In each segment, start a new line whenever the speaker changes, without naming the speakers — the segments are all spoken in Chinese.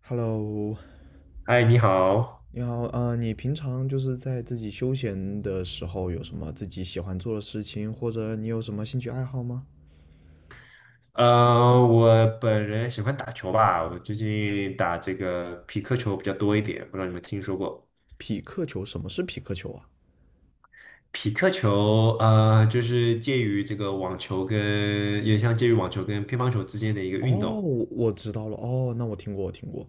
Hello，
嗨，你好。
你好，你平常就是在自己休闲的时候有什么自己喜欢做的事情，或者你有什么兴趣爱好吗？
我本人喜欢打球吧，我最近打这个匹克球比较多一点，不知道你们听说过？
匹克球，什么是匹克球啊？
匹克球，就是介于这个网球跟，也像介于网球跟乒乓球之间的一个
哦，
运动
我知道了，哦，那我听过，我听过，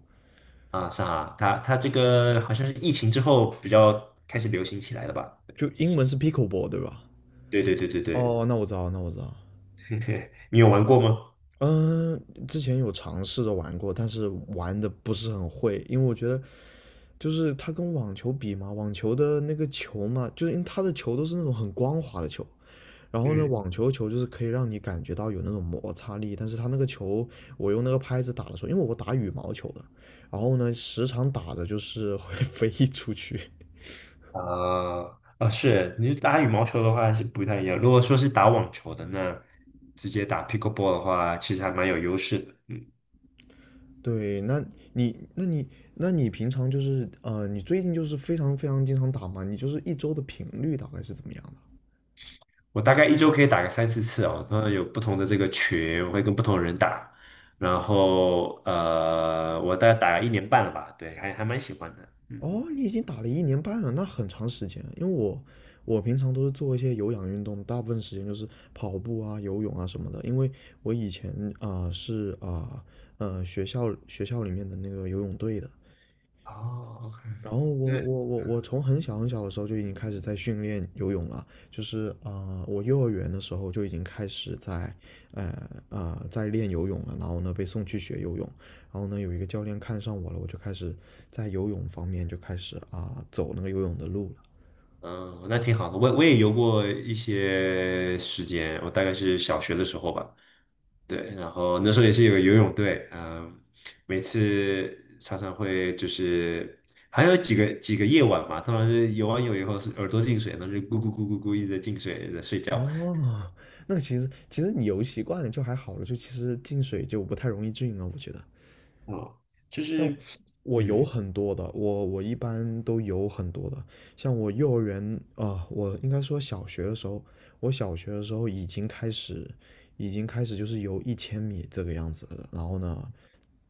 啊，是啊，它这个好像是疫情之后比较开始流行起来的吧？
就英文是 pickleball 对吧？
对对对对对，
哦，那我知道，那我知道。
你有玩过吗？
嗯，之前有尝试着玩过，但是玩的不是很会，因为我觉得就是它跟网球比嘛，网球的那个球嘛，就是因为它的球都是那种很光滑的球，然后呢，
嗯。
网球球就是可以让你感觉到有那种摩擦力，但是它那个球，我用那个拍子打的时候，因为我打羽毛球的，然后呢，时常打的就是会 飞出去。
啊啊，是你打羽毛球的话是不太一样。如果说是打网球的，那直接打 pickleball 的话，其实还蛮有优势的。嗯，
对，那你，那你，那你平常就是，你最近就是非常非常经常打吗？你就是一周的频率大概是怎么样的？
我大概一周可以打个三四次哦，那有不同的这个群，我会跟不同的人打。然后我大概打了一年半了吧，对，还蛮喜欢的。嗯，
哦，你已经打了一年半了，那很长时间了。因为我我平常都是做一些有氧运动，大部分时间就是跑步啊、游泳啊什么的。因为我以前啊、是啊，学校里面的那个游泳队的，
哦
然后
，OK,那
我从很小很小的时候就已经开始在训练游泳了，就是啊、我幼儿园的时候就已经开始在，在练游泳了。然后呢，被送去学游泳，然后呢，有一个教练看上我了，我就开始在游泳方面就开始啊、走那个游泳的路了。
嗯，那挺好的。我也游过一些时间，我大概是小学的时候吧。对，然后那时候也是有个游泳队，嗯，每次常常会就是还有几个夜晚嘛，通常是游完泳以后是耳朵进水，然后就咕咕咕咕咕一直在进水，在睡觉。
哦，那其实你游习惯了就还好了，就其实进水就不太容易进了，我觉得。
嗯，就
那
是
我有
嗯
很多的，我一般都有很多的。像我幼儿园啊、我应该说小学的时候，我小学的时候已经开始，已经开始就是游一千米这个样子的。然后呢，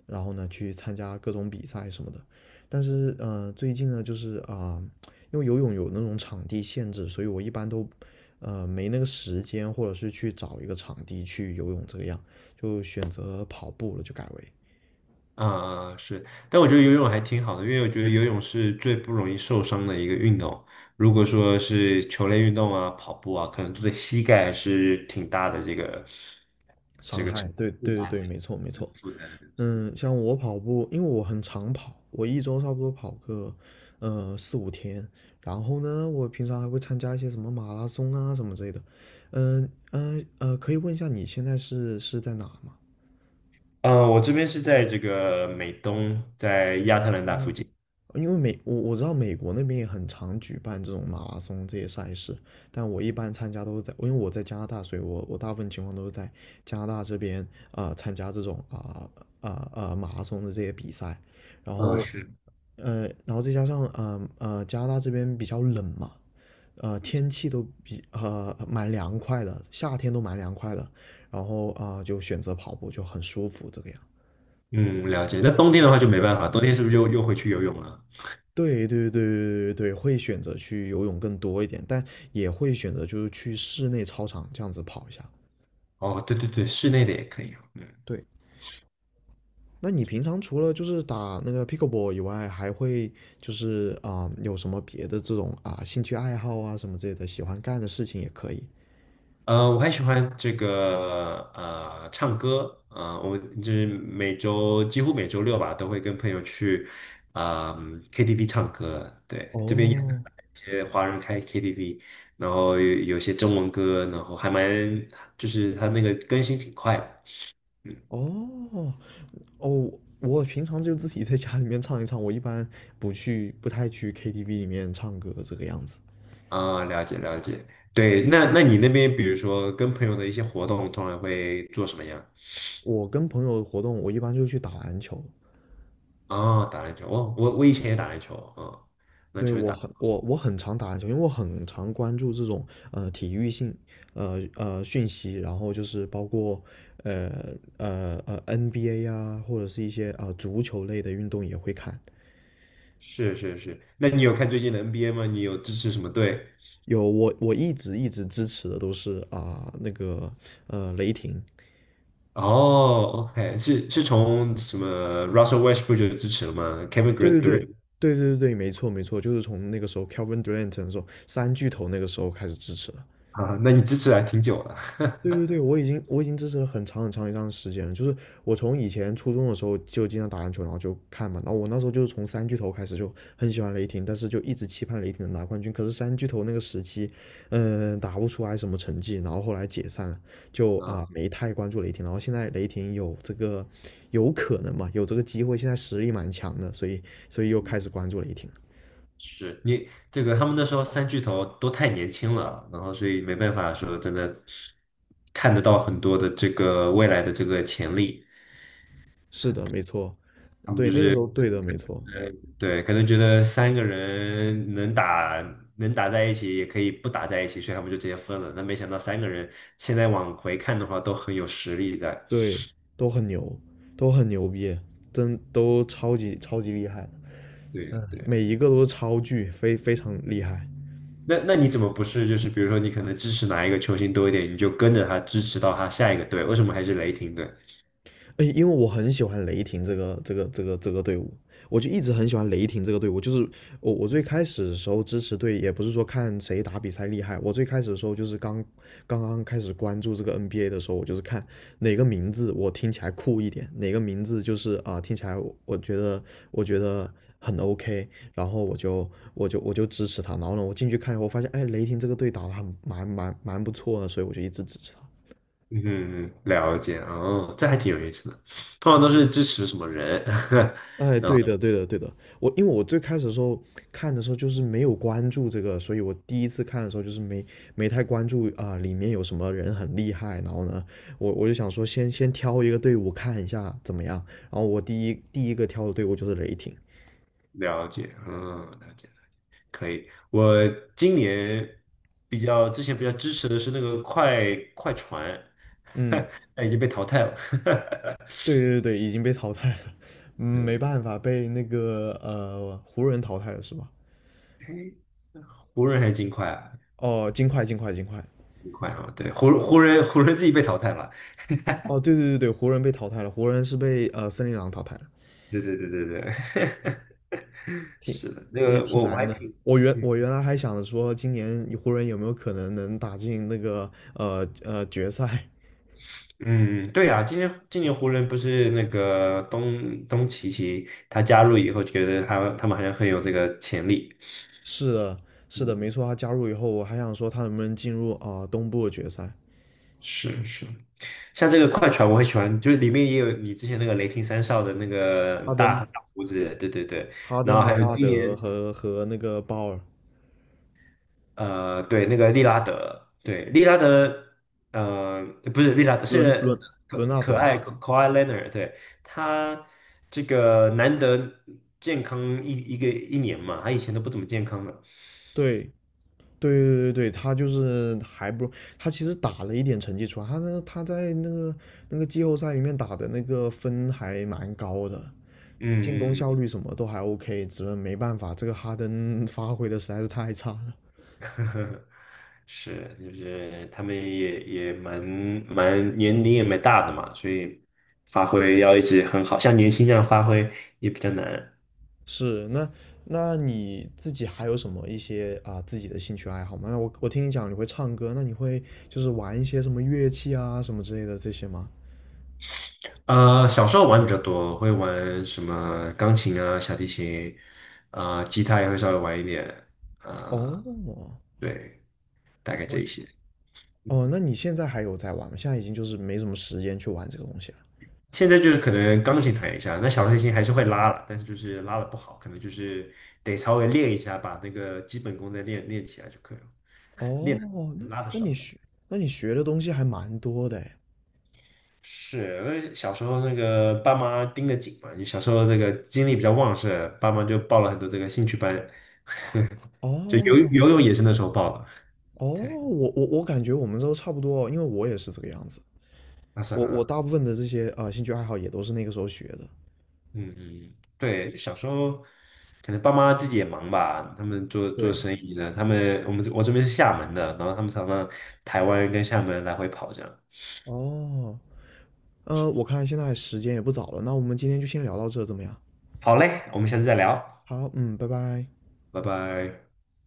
然后呢去参加各种比赛什么的。但是最近呢，就是啊、因为游泳有那种场地限制，所以我一般都没那个时间，或者是去找一个场地去游泳这个样，就选择跑步了，就改为。
啊是，但我觉得游泳还挺好的，因为我觉得游泳是最不容易受伤的一个运动。如果说是球类运动啊、跑步啊，可能对膝盖还是挺大的这个
伤害，对
负
对对
担
对，没错没错。
负担。
嗯，像我跑步，因为我很常跑，我一周差不多跑个四五天。然后呢，我平常还会参加一些什么马拉松啊什么之类的。可以问一下你现在是在哪吗？
嗯，我这边是在这个美东，在亚特兰大附近。
因为美，我知道美国那边也很常举办这种马拉松这些赛事，但我一般参加都是在，因为我在加拿大，所以我我大部分情况都是在加拿大这边啊、参加这种啊啊啊马拉松的这些比赛，然
嗯，
后
是。
然后再加上加拿大这边比较冷嘛，呃天气都比蛮凉快的，夏天都蛮凉快的，然后啊、就选择跑步就很舒服这个样。
嗯，了解。那冬天的话就没办法，冬天是不是就又回去游泳了？
对对对对对对，会选择去游泳更多一点，但也会选择就是去室内操场这样子跑一下。
哦，对对对，室内的也可以哦。嗯，
对，那你平常除了就是打那个 pickleball 以外，还会就是啊、有什么别的这种啊兴趣爱好啊什么之类的，喜欢干的事情也可以。
我还喜欢这个唱歌，我就是每周几乎每周六吧，都会跟朋友去啊、KTV 唱歌。对，这边有
哦
一些华人开 KTV,然后有些中文歌，然后还蛮就是它那个更新挺快的。嗯。
哦哦，我平常就自己在家里面唱一唱，我一般不太去 KTV 里面唱歌这个样子。
啊，了解了解。对，那你那边，比如说跟朋友的一些活动，通常会做什么样？
我跟朋友活动，我一般就去打篮球。
哦，打篮球。哦，我以前也打篮球，嗯，篮
对，
球也
我
打。
很我我很常打篮球，因为我很常关注这种体育性讯息，然后就是包括呃NBA 啊，或者是一些啊、足球类的运动也会看。
是是是。那你有看最近的 NBA 吗？你有支持什么队？
有，我一直一直支持的都是啊、那个雷霆，
哦，OK,是从什么 Russell Westbrook 就支持了吗？Kevin
对对
Durant
对对对对对，没错没错，就是从那个时候 Kevin Durant 的时候三巨头那个时候开始支持了。
啊，那你支持还挺久了。
对对对，我已经支持了很长很长一段时间了。就是我从以前初中的时候就经常打篮球，然后就看嘛。然后我那时候就是从三巨头开始就很喜欢雷霆，但是就一直期盼雷霆能拿冠军。可是三巨头那个时期，嗯，打不出来什么成绩，然后后来解散了，就啊
啊。
没太关注雷霆。然后现在雷霆有这个有可能嘛，有这个机会，现在实力蛮强的，所以所以又开始关注雷霆了。
是你这个，他们那时候三巨头都太年轻了，然后所以没办法说真的看得到很多的这个未来的这个潜力。
是的，没错，
他们
对，
就
那个
是
时候对的，没错。
呃，对，可能觉得三个人能打能打在一起，也可以不打在一起，所以他们就直接分了。那没想到三个人现在往回看的话，都很有实力在。
对，都很牛，都很牛逼，真都超级超级厉害，
对呀
嗯，
对。
每一个都是超巨，非常厉害。
那你怎么不是就是比如说你可能支持哪一个球星多一点，你就跟着他支持到他下一个队？为什么还是雷霆队？
哎，因为我很喜欢雷霆这个队伍，我就一直很喜欢雷霆这个队伍。就是我最开始的时候支持队，也不是说看谁打比赛厉害，我最开始的时候就是刚刚开始关注这个 NBA 的时候，我就是看哪个名字我听起来酷一点，哪个名字就是啊、听起来我觉得我觉得很 OK，然后我就我就支持他。然后呢，我进去看以后发现，哎，雷霆这个队打的很蛮不错的，所以我就一直支持他。
嗯，了解哦，这还挺有意思的。通常都是支持什么人？
哎，对的，对的，对的。我因为我最开始的时候看的时候就是没有关注这个，所以我第一次看的时候就是没太关注啊、里面有什么人很厉害。然后呢，我就想说先挑一个队伍看一下怎么样。然后我第一个挑的队伍就是雷霆。
了解，嗯，了解，可以。我今年比较之前比较支持的是那个快船，
嗯，
但已经被淘汰了。
对对对，已经被淘汰了。嗯没
嗯，
办法，被那个湖人淘汰了是吧？
诶湖人还是金块啊？
哦，金块，金块，金块。
金块啊，对，湖人自己被淘汰了。
哦，对对对对，湖人被淘汰了，湖人是被森林狼淘汰了。
对对对对对，
挺
是的，那
也
个
挺
我
难
还挺。
的。我原
嗯
我原来还想着说，今年湖人有没有可能能打进那个决赛？
嗯，对呀，今年湖人不是那个东契奇他加入以后，觉得他们好像很有这个潜力。
是的，是的，没错。他加入以后，我还想说他能不能进入啊、东部决赛？
是是，像这个快船我很喜欢，就是里面也有你之前那个雷霆三少的那个
哈登、
大胡子，对对对。
哈
然
登、
后
雷
还有
纳
今
德
年
和那个鲍尔、
对，那个利拉德，对，利拉德，呃，不是利拉德，
伦
是
伦伦
可
纳
可
德，
爱可爱 w h Leonard,对，他这个难得健康一年嘛，他以前都不怎么健康的，
对。对对对对，他就是还不，他其实打了一点成绩出来，他那他在那个那个季后赛里面打的那个分还蛮高的，
嗯
进攻
嗯嗯，
效率什么都还 OK，只是没办法，这个哈登 发挥的实在是太差了。
呵呵，是，就是他们也年龄也蛮大的嘛，所以发
对，
挥要一直很好，像年轻这样发挥也比较难。
是那那你自己还有什么一些啊、自己的兴趣爱好吗？那我听你讲你会唱歌，那你会就是玩一些什么乐器啊什么之类的这些吗？
小时候玩比较多，会玩什么钢琴啊、小提琴，吉他也会稍微玩一点，
哦，
呃，
我
对，大概这一些。
哦，那你现在还有在玩吗？现在已经就是没什么时间去玩这个东西了。
现在就是可能钢琴弹一下，那小提琴还是会拉了，但是就是拉的不好，可能就是得稍微练一下，把那个基本功再练练起来就可以了。练得
哦，那
拉的
那你
少，
学，那你学的东西还蛮多的诶。
是因为小时候那个爸妈盯得紧嘛，你小时候那个精力比较旺盛，爸妈就报了很多这个兴趣班，就游
哦
游泳也是那时候报的，
哦，
对，
我我感觉我们都差不多，因为我也是这个样子。
那是
我我
很。
大部分的这些啊兴趣爱好也都是那个时候学的。
嗯嗯，对，小时候可能爸妈自己也忙吧，他们做
对，
生意的，他们我这边是厦门的，然后他们常常台湾跟厦门来回跑这样。
哦，我看现在时间也不早了，那我们今天就先聊到这，怎么样？
好嘞，我们下次再聊，
好，嗯，拜拜。
拜拜。